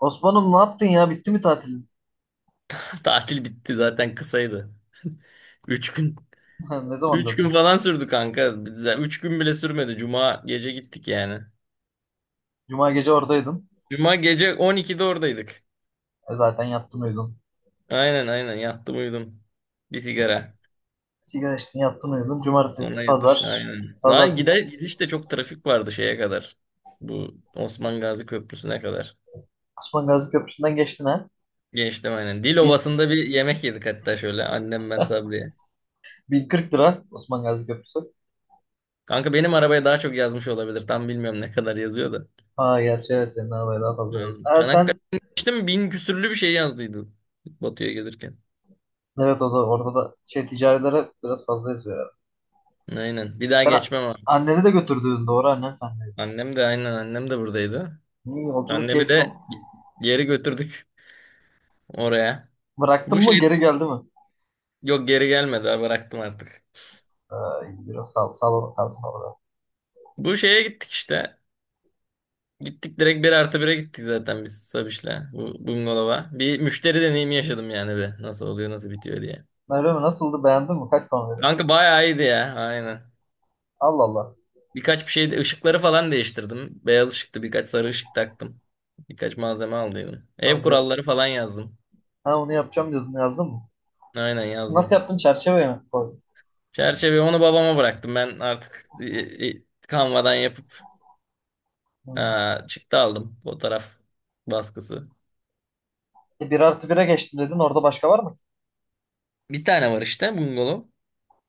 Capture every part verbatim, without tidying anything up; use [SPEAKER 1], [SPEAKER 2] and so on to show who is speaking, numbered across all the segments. [SPEAKER 1] Osman'ım ne yaptın ya? Bitti mi tatilin?
[SPEAKER 2] Tatil bitti zaten kısaydı. Üç gün.
[SPEAKER 1] Ne zaman
[SPEAKER 2] Üç gün
[SPEAKER 1] döndün?
[SPEAKER 2] falan sürdü kanka. Biz- Üç gün bile sürmedi. Cuma gece gittik yani.
[SPEAKER 1] Cuma gece oradaydın.
[SPEAKER 2] Cuma gece on ikide oradaydık.
[SPEAKER 1] E zaten yattın uyudun.
[SPEAKER 2] Aynen, aynen, yattım uyudum. Bir sigara.
[SPEAKER 1] Sigara içtin yattın uyudun. Cumartesi,
[SPEAKER 2] Sonra yatış
[SPEAKER 1] pazar.
[SPEAKER 2] aynen. Lan
[SPEAKER 1] Pazartesi.
[SPEAKER 2] gider gidiş de çok trafik vardı şeye kadar. Bu Osman Gazi Köprüsü'ne kadar.
[SPEAKER 1] Osman Gazi Köprüsü'nden geçtin, ha.
[SPEAKER 2] Geçtim aynen. Dil
[SPEAKER 1] Bin,
[SPEAKER 2] Ovası'nda bir yemek yedik hatta, şöyle annem ben Sabriye.
[SPEAKER 1] bin kırk lira Osman Gazi Köprüsü.
[SPEAKER 2] Kanka benim arabaya daha çok yazmış olabilir. Tam bilmiyorum ne kadar yazıyor da.
[SPEAKER 1] Ha, gerçi evet, senin arabaya daha fazla yazdı.
[SPEAKER 2] Yani
[SPEAKER 1] Ha sen,
[SPEAKER 2] Çanakkale'den geçtim bin küsürlü bir şey yazdıydı Batı'ya gelirken.
[SPEAKER 1] evet, o da orada da şey ticarilere biraz fazla yazıyor herhalde.
[SPEAKER 2] Aynen. Bir daha
[SPEAKER 1] Sen
[SPEAKER 2] geçmem abi.
[SPEAKER 1] anneni de götürdün, doğru, annen sendeydi.
[SPEAKER 2] Annem de aynen, annem de buradaydı.
[SPEAKER 1] İyi yolculuk
[SPEAKER 2] Annemi
[SPEAKER 1] keyifli olmuş.
[SPEAKER 2] de geri götürdük oraya.
[SPEAKER 1] Bıraktın
[SPEAKER 2] Bu
[SPEAKER 1] mı,
[SPEAKER 2] şey,
[SPEAKER 1] geri geldi mi?
[SPEAKER 2] yok geri gelmedi abi, bıraktım artık.
[SPEAKER 1] Ha, iyi, biraz sağ, sağ olun, kalsın orada.
[SPEAKER 2] Bu şeye gittik işte. Gittik direkt bir artı bire gittik zaten biz Sabiş'le bu bungalova. Bir müşteri deneyimi yaşadım yani bir. Nasıl oluyor nasıl bitiyor diye.
[SPEAKER 1] Meryem nasıldı, beğendin mi? Kaç puan?
[SPEAKER 2] Kanka bayağı iyiydi ya, aynen.
[SPEAKER 1] Allah Allah.
[SPEAKER 2] Birkaç bir şey, ışıkları falan değiştirdim. Beyaz ışıktı, birkaç sarı ışık taktım. Birkaç malzeme aldıydım. Ev
[SPEAKER 1] Abi,
[SPEAKER 2] kuralları falan yazdım.
[SPEAKER 1] ha, onu yapacağım diyordun, yazdın mı?
[SPEAKER 2] Aynen,
[SPEAKER 1] Nasıl
[SPEAKER 2] yazdım.
[SPEAKER 1] yaptın? Çerçeveye mi koydun?
[SPEAKER 2] Çerçeve onu babama bıraktım. Ben artık e, e, Canva'dan yapıp
[SPEAKER 1] Hmm.
[SPEAKER 2] e, çıktı aldım. Fotoğraf baskısı.
[SPEAKER 1] E, bir artı bire geçtim dedin. Orada başka var mı ki?
[SPEAKER 2] Bir tane var işte, bungalov.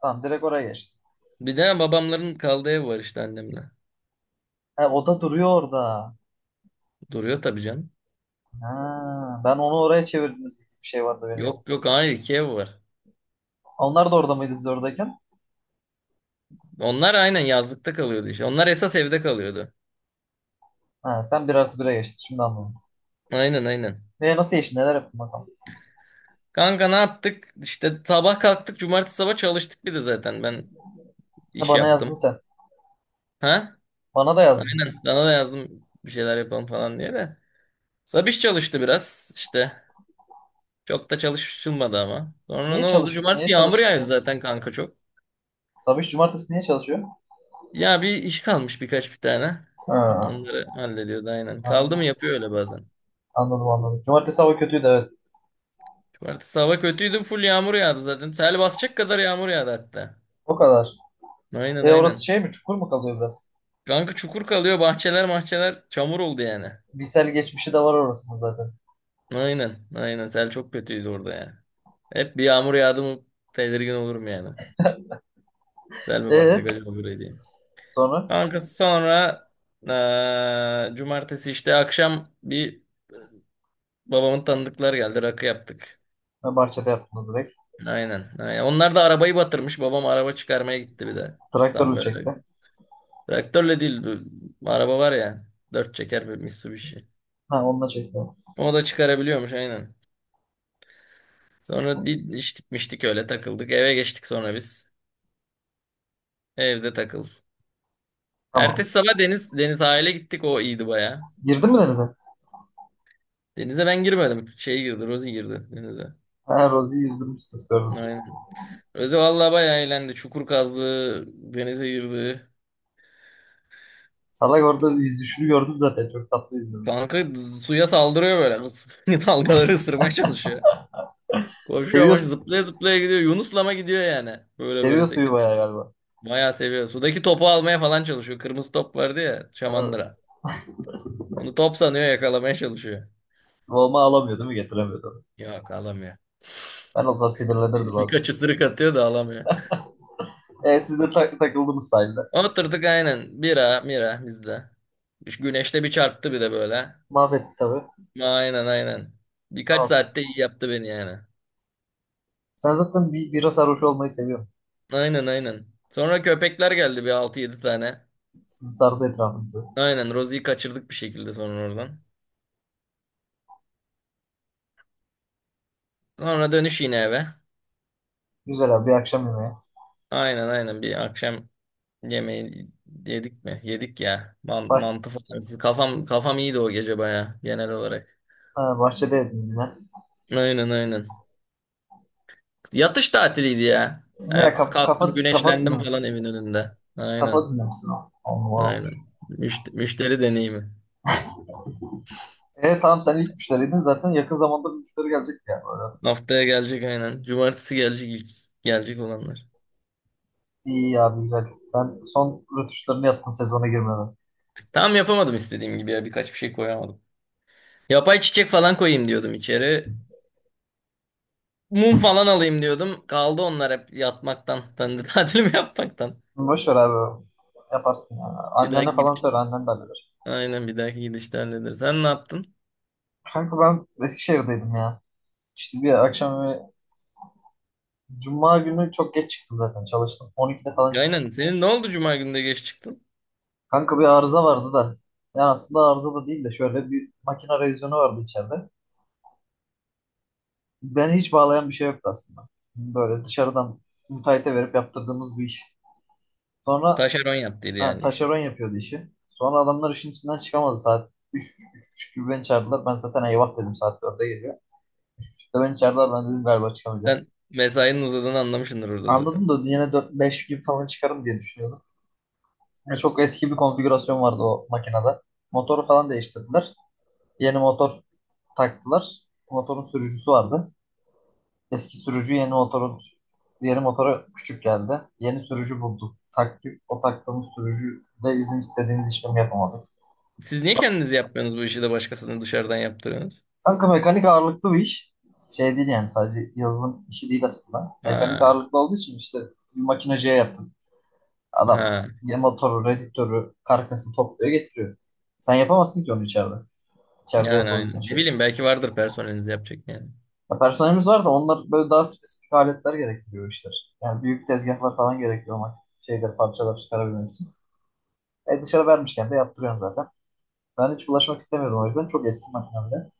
[SPEAKER 1] Tamam, direkt oraya geçtim.
[SPEAKER 2] Bir de babamların kaldığı ev var işte, annemle.
[SPEAKER 1] He, o da duruyor orada.
[SPEAKER 2] Duruyor tabii canım.
[SPEAKER 1] Ha, ben onu oraya çevirdiniz gibi bir şey vardı benim
[SPEAKER 2] Yok yok,
[SPEAKER 1] zihnimde.
[SPEAKER 2] hayır iki ev var.
[SPEAKER 1] Onlar da orada mıydı siz oradayken?
[SPEAKER 2] Onlar aynen yazlıkta kalıyordu işte. Onlar esas evde kalıyordu.
[SPEAKER 1] Ha, sen bir artı bire geçtin. Şimdi anladım.
[SPEAKER 2] Aynen, aynen.
[SPEAKER 1] Ve nasıl geçtin? Neler yaptın bakalım?
[SPEAKER 2] Kanka ne yaptık? İşte sabah kalktık. Cumartesi sabah çalıştık bir de zaten. Ben
[SPEAKER 1] He,
[SPEAKER 2] iş
[SPEAKER 1] bana yazdın
[SPEAKER 2] yaptım.
[SPEAKER 1] sen.
[SPEAKER 2] Ha?
[SPEAKER 1] Bana da
[SPEAKER 2] Ben
[SPEAKER 1] yazdın.
[SPEAKER 2] sana da yazdım bir şeyler yapalım falan diye de. Sabiş çalıştı biraz işte. Çok da çalışılmadı ama. Sonra ne
[SPEAKER 1] Niye
[SPEAKER 2] oldu?
[SPEAKER 1] çalış niye
[SPEAKER 2] Cumartesi yağmur
[SPEAKER 1] çalıştı
[SPEAKER 2] yağıyor
[SPEAKER 1] ki?
[SPEAKER 2] zaten kanka, çok.
[SPEAKER 1] Sabah cumartesi niye çalışıyor?
[SPEAKER 2] Ya bir iş kalmış, birkaç bir tane.
[SPEAKER 1] Ha,
[SPEAKER 2] Onları hallediyordu aynen. Kaldı mı
[SPEAKER 1] anladım,
[SPEAKER 2] yapıyor öyle bazen.
[SPEAKER 1] anladım, anladım. Cumartesi hava kötüydü, evet.
[SPEAKER 2] Cumartesi hava kötüydü. Full yağmur yağdı zaten. Sel basacak kadar yağmur yağdı hatta.
[SPEAKER 1] O kadar.
[SPEAKER 2] Aynen,
[SPEAKER 1] E, orası
[SPEAKER 2] aynen.
[SPEAKER 1] şey mi? Çukur mu kalıyor biraz?
[SPEAKER 2] Kanka çukur kalıyor. Bahçeler mahçeler çamur oldu yani.
[SPEAKER 1] Bilsel geçmişi de var orasında zaten.
[SPEAKER 2] Aynen. Aynen. Sel çok kötüydü orada ya. Hep bir yağmur yağdı mı tedirgin olurum yani. Sel mi
[SPEAKER 1] E
[SPEAKER 2] basacak acaba buraya diye.
[SPEAKER 1] sonra,
[SPEAKER 2] Kanka sonra eee, cumartesi işte akşam bir babamın tanıdıklar geldi. Rakı yaptık.
[SPEAKER 1] ha, Barça'da yaptınız direkt.
[SPEAKER 2] Aynen. Aynen. Onlar da arabayı batırmış. Babam araba çıkarmaya gitti bir de. Tam
[SPEAKER 1] Traktörle
[SPEAKER 2] böyle.
[SPEAKER 1] çekti.
[SPEAKER 2] Traktörle değil. Bu araba var ya. Dört çeker bir Mitsubishi.
[SPEAKER 1] Ha, onunla çekti.
[SPEAKER 2] O da çıkarabiliyormuş aynen. Sonra bir içtik miştik öyle takıldık. Eve geçtik sonra biz. Evde takıl.
[SPEAKER 1] Tamam.
[SPEAKER 2] Ertesi sabah Deniz Deniz sahile gittik, o iyiydi baya.
[SPEAKER 1] Girdin mi denize?
[SPEAKER 2] Denize ben girmedim. Şey girdi, Rozi girdi denize.
[SPEAKER 1] Ha, Rozi'yi yüzdürmüşsünüz gördüm.
[SPEAKER 2] Aynen. Rozi vallahi baya eğlendi. Çukur kazdı, denize girdi.
[SPEAKER 1] Salak, orada yüzüşünü gördüm zaten. Çok tatlı yüzdürdü.
[SPEAKER 2] Kanka suya saldırıyor böyle. Dalgaları ısırmaya çalışıyor. Koşuyor ama
[SPEAKER 1] Seviyorsun.
[SPEAKER 2] zıplaya zıplaya gidiyor. Yunuslama gidiyor yani. Böyle böyle
[SPEAKER 1] Seviyor suyu
[SPEAKER 2] sekiz.
[SPEAKER 1] bayağı galiba.
[SPEAKER 2] Bayağı seviyor. Sudaki topu almaya falan çalışıyor. Kırmızı top vardı ya,
[SPEAKER 1] Ha,
[SPEAKER 2] şamandıra. Onu top sanıyor, yakalamaya çalışıyor.
[SPEAKER 1] Volma alamıyor değil mi? Getiremiyordu.
[SPEAKER 2] Yok, alamıyor.
[SPEAKER 1] Ben olsam sinirlenirdim abi.
[SPEAKER 2] Birkaç ısırık atıyor da alamıyor.
[SPEAKER 1] E siz de tak takıldınız sahilde.
[SPEAKER 2] Oturduk aynen. Bira, mira bizde. Şu güneşte bir çarptı bir de böyle.
[SPEAKER 1] Mahvetti tabii.
[SPEAKER 2] Aynen, aynen. Birkaç
[SPEAKER 1] Tamam.
[SPEAKER 2] saatte iyi yaptı beni yani.
[SPEAKER 1] Sen zaten bir, bira sarhoş olmayı seviyorsun.
[SPEAKER 2] Aynen, aynen. Sonra köpekler geldi bir altı yedi tane.
[SPEAKER 1] Sizi sardı etrafınızı.
[SPEAKER 2] Aynen, Rosie'yi kaçırdık bir şekilde sonra oradan. Sonra dönüş yine eve.
[SPEAKER 1] Güzel abi, bir akşam yemeği.
[SPEAKER 2] Aynen, aynen, bir akşam yemeği yedik mi? Yedik ya. Man mantı falan. Kafam, kafam iyiydi o gece baya genel olarak.
[SPEAKER 1] Ha, bahçedeydiniz yine.
[SPEAKER 2] Aynen, aynen. Yatış tatiliydi ya.
[SPEAKER 1] Ne
[SPEAKER 2] Ertesi
[SPEAKER 1] kafa kafa
[SPEAKER 2] kalktım
[SPEAKER 1] kafa
[SPEAKER 2] güneşlendim
[SPEAKER 1] dinlemişsin.
[SPEAKER 2] falan evin önünde.
[SPEAKER 1] Kafa
[SPEAKER 2] Aynen.
[SPEAKER 1] dinlemişsin o. Allah olmuş.
[SPEAKER 2] Aynen. Müşt- müşteri deneyimi.
[SPEAKER 1] E tamam, sen ilk müşteriydin zaten, yakın zamanda bir müşteri gelecek ya böyle.
[SPEAKER 2] Haftaya gelecek aynen. Cumartesi gelecek, ilk gelecek olanlar.
[SPEAKER 1] İyi ya, güzel. Sen son rötuşlarını yaptın sezona girmeden.
[SPEAKER 2] Tam yapamadım istediğim gibi ya. Birkaç bir şey koyamadım. Yapay çiçek falan koyayım diyordum içeri. Mum falan alayım diyordum. Kaldı onlar hep yatmaktan. Ben de tatilimi yapmaktan.
[SPEAKER 1] Boş ver abi. Yaparsın yani.
[SPEAKER 2] Bir
[SPEAKER 1] Annene
[SPEAKER 2] dahaki
[SPEAKER 1] falan
[SPEAKER 2] gidiş.
[SPEAKER 1] söyle, annen de halleder.
[SPEAKER 2] Aynen, bir dahaki gidişte hallederiz. Sen ne yaptın?
[SPEAKER 1] Kanka ben Eskişehir'deydim ya. İşte bir akşam bir Cuma günü çok geç çıktım zaten, çalıştım. on ikide falan çıktım.
[SPEAKER 2] Aynen. Senin ne oldu, cuma günü de geç çıktın?
[SPEAKER 1] Kanka bir arıza vardı da. Yani aslında arıza da değil de şöyle bir makine revizyonu vardı içeride. Ben hiç bağlayan bir şey yoktu aslında. Böyle dışarıdan müteahhite verip yaptırdığımız bir iş. Sonra,
[SPEAKER 2] Taşeron yaptıydı
[SPEAKER 1] ha,
[SPEAKER 2] yani işi.
[SPEAKER 1] taşeron yapıyordu işi. Sonra adamlar işin içinden çıkamadı, saat üç, üç buçuk gibi beni çağırdılar. Ben zaten eyvah dedim, saat dörde geliyor. üç buçukta beni çağırdılar, ben dedim galiba çıkamayacağız.
[SPEAKER 2] Sen mesainin uzadığını anlamışsındır orada
[SPEAKER 1] Anladım
[SPEAKER 2] zaten.
[SPEAKER 1] da yine dört beş gibi falan çıkarım diye düşünüyordum. Ya çok eski bir konfigürasyon vardı o makinede. Motoru falan değiştirdiler. Yeni motor taktılar. Motorun sürücüsü vardı. Eski sürücü yeni motoru, yeni motora küçük geldi. Yeni sürücü bulduk. Taktik o taktığımız sürücü de bizim istediğimiz işlemi yapamadık.
[SPEAKER 2] Siz niye kendiniz yapmıyorsunuz bu işi de başkasını dışarıdan yaptırıyorsunuz?
[SPEAKER 1] Kanka mekanik ağırlıklı bir iş. Şey değil yani, sadece yazılım işi değil aslında. Mekanik
[SPEAKER 2] Ha.
[SPEAKER 1] ağırlıklı olduğu için işte bir makineciye yaptım. Adam
[SPEAKER 2] Ha,
[SPEAKER 1] ya motoru, redüktörü, karkasını topluyor getiriyor. Sen yapamazsın ki onu içeride. İçeride
[SPEAKER 2] yani
[SPEAKER 1] yapabileceğin
[SPEAKER 2] aynen. Ne
[SPEAKER 1] şey
[SPEAKER 2] bileyim,
[SPEAKER 1] kız.
[SPEAKER 2] belki vardır personelinizde yapacak yani.
[SPEAKER 1] Ya personelimiz var da onlar böyle daha spesifik aletler gerektiriyor işler. Yani büyük tezgahlar falan gerekiyor ama şeyler parçalar çıkarabilmek için. E dışarı vermişken de yaptırıyorsun zaten. Ben hiç bulaşmak istemiyordum o yüzden. Çok eski makine bile.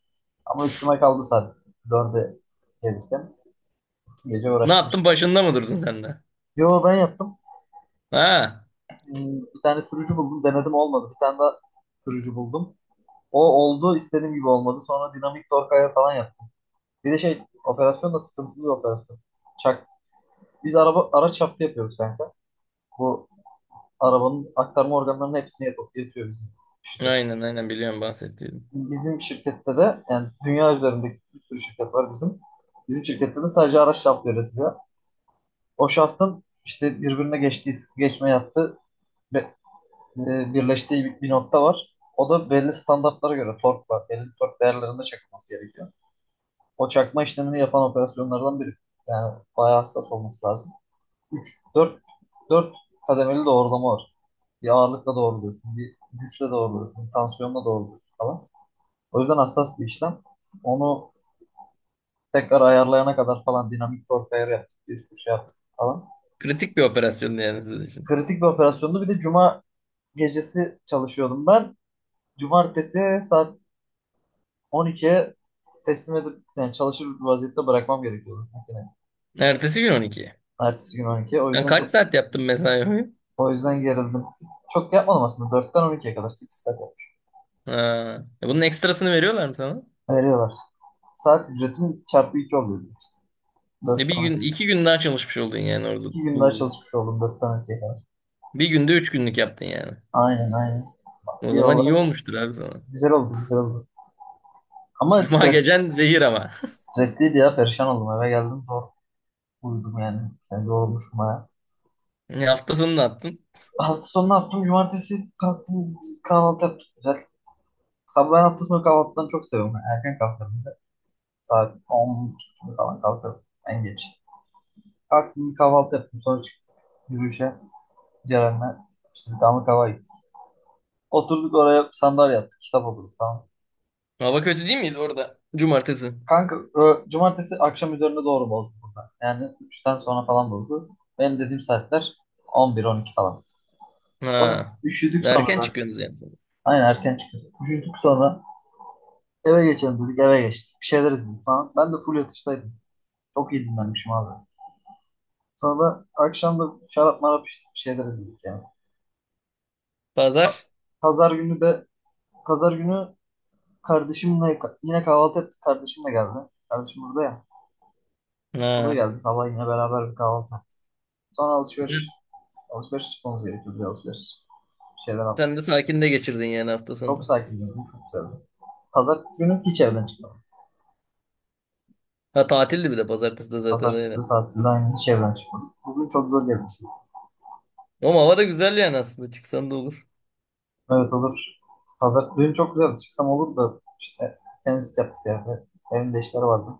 [SPEAKER 1] Ama üstüme kaldı saat dörde gelirken. İki gece
[SPEAKER 2] Ne
[SPEAKER 1] uğraştım
[SPEAKER 2] yaptın,
[SPEAKER 1] işte.
[SPEAKER 2] başında mı durdun sen de?
[SPEAKER 1] Yo, ben yaptım.
[SPEAKER 2] Ha,
[SPEAKER 1] Hmm, Bir tane sürücü buldum. Denedim, olmadı. Bir tane daha sürücü buldum. O oldu, istediğim gibi olmadı. Sonra dinamik torkaya falan yaptım. Bir de şey, operasyon da sıkıntılı bir operasyon. Çak. Biz araba araç şaftı yapıyoruz kanka. Bu arabanın aktarma organlarının hepsini yapıp yapıyor bizim. İşte
[SPEAKER 2] aynen, aynen, biliyorum bahsettiğim.
[SPEAKER 1] bizim şirkette de yani, dünya üzerindeki bir sürü şirket var bizim. Bizim şirkette de sadece araç şaftı üretiliyor. O şaftın işte birbirine geçtiği, geçme yaptığı ve, e, birleştiği bir, bir nokta var. O da belli standartlara göre torkla, belli tork değerlerinde çakılması gerekiyor. O çakma işlemini yapan operasyonlardan biri. Yani bayağı hassas olması lazım. üç, dört, dört kademeli doğrulama var. Bir ağırlıkla doğruluyorsun, bir güçle doğruluyorsun, bir tansiyonla doğruluyorsun falan. O yüzden hassas bir işlem. Onu tekrar ayarlayana kadar falan dinamik bir ortaya yaptık. Bir sürü şey yaptık falan.
[SPEAKER 2] Kritik bir operasyon yani sizin için.
[SPEAKER 1] Kritik bir operasyondu. Bir de cuma gecesi çalışıyordum ben. Cumartesi saat on ikiye teslim edip yani çalışır bir vaziyette bırakmam gerekiyordu yani.
[SPEAKER 2] Ertesi gün on iki.
[SPEAKER 1] Ertesi gün on iki. O
[SPEAKER 2] Sen
[SPEAKER 1] yüzden
[SPEAKER 2] kaç
[SPEAKER 1] çok
[SPEAKER 2] saat yaptın mesai boyu?
[SPEAKER 1] o yüzden gerildim. Çok yapmadım aslında. dörtten on ikiye kadar sekiz saat yapmış.
[SPEAKER 2] Ha. E bunun ekstrasını veriyorlar mı sana?
[SPEAKER 1] Veriyorlar. Saat ücretim çarpı iki oluyordu işte.
[SPEAKER 2] E bir
[SPEAKER 1] dörtten
[SPEAKER 2] gün iki gün daha çalışmış oldun yani, orada
[SPEAKER 1] iki gün daha
[SPEAKER 2] bulundun.
[SPEAKER 1] çalışmış oldum, dörtten on ikiye kadar.
[SPEAKER 2] Bir günde üç günlük yaptın yani.
[SPEAKER 1] Aynen, aynen.
[SPEAKER 2] O
[SPEAKER 1] İyi
[SPEAKER 2] zaman iyi
[SPEAKER 1] olarak
[SPEAKER 2] olmuştur abi sana.
[SPEAKER 1] güzel oldu, güzel oldu. Ama
[SPEAKER 2] Cuma
[SPEAKER 1] stres,
[SPEAKER 2] gecen zehir ama.
[SPEAKER 1] stresliydi ya, perişan oldum, eve geldim zor uyudum yani. Yani yorulmuşum baya.
[SPEAKER 2] E hafta sonu ne yaptın?
[SPEAKER 1] Hafta sonu ne yaptım? Cumartesi kalktım, kahvaltı yaptık güzel. Sabah ben hafta sonu kahvaltıdan çok seviyorum. Yani erken kalkarım bir de. Saat on falan kalkarım en geç. Kalktım bir kahvaltı yaptım, sonra çıktım yürüyüşe Ceren'le. İşte bir damlık hava gittik. Oturduk oraya, sandalye yaptık, kitap okuduk falan.
[SPEAKER 2] Hava kötü değil miydi orada? Cumartesi.
[SPEAKER 1] Kanka ö, cumartesi akşam üzerine doğru bozdu burada. Yani üçten sonra falan bozdu. Benim dediğim saatler on bir on iki falan. Sonra
[SPEAKER 2] Ha.
[SPEAKER 1] üşüdük sonra
[SPEAKER 2] Erken
[SPEAKER 1] zaten.
[SPEAKER 2] çıkıyorsunuz yani.
[SPEAKER 1] Aynen, erken çıkıyoruz. Üşüdük sonra, eve geçelim dedik, eve geçtik. Bir şeyler izledik falan. Ben de full yatıştaydım. Çok iyi dinlenmişim abi. Sonra akşam da şarap marap içtik, bir şeyler izledik yani.
[SPEAKER 2] Pazar.
[SPEAKER 1] Pazar günü de pazar günü kardeşimle yine kahvaltı yaptık. Kardeşim de geldi. Kardeşim burada ya. O da
[SPEAKER 2] Ha.
[SPEAKER 1] geldi sabah, yine beraber bir kahvaltı. Sonra alışveriş. Alışveriş çıkmamız gerekiyordu. Bir alışveriş. Bir şeyler aldık.
[SPEAKER 2] Sen de sakin de geçirdin yani hafta
[SPEAKER 1] Çok
[SPEAKER 2] sonunu.
[SPEAKER 1] sakin Çok güzeldi. Pazartesi günü hiç evden çıkmadım.
[SPEAKER 2] Ha, tatildi bir de pazartesi de zaten,
[SPEAKER 1] Pazartesi
[SPEAKER 2] aynen.
[SPEAKER 1] de tatilde aynı, hiç evden çıkmadım. Bugün çok zor gelmişim.
[SPEAKER 2] Ama hava da güzel yani, aslında çıksan da olur.
[SPEAKER 1] Evet olur. Pazar dün çok güzeldi. Çıksam olur da işte temizlik yaptık ya. Evimde işler vardı.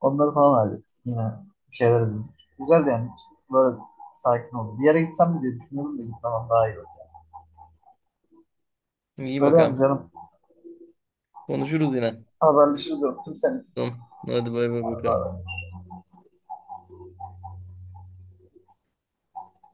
[SPEAKER 1] Onları falan hallettik. Yine bir şeyler izledik. Güzeldi yani. Böyle sakin oldu. Bir yere gitsem mi diye düşünüyorum da gitmem daha iyi olur.
[SPEAKER 2] İyi
[SPEAKER 1] Böyle yani
[SPEAKER 2] bakalım.
[SPEAKER 1] canım.
[SPEAKER 2] Konuşuruz yine.
[SPEAKER 1] Haberleşiriz. Öptüm seni.
[SPEAKER 2] Tamam. Hadi bay bay bakalım.
[SPEAKER 1] Bay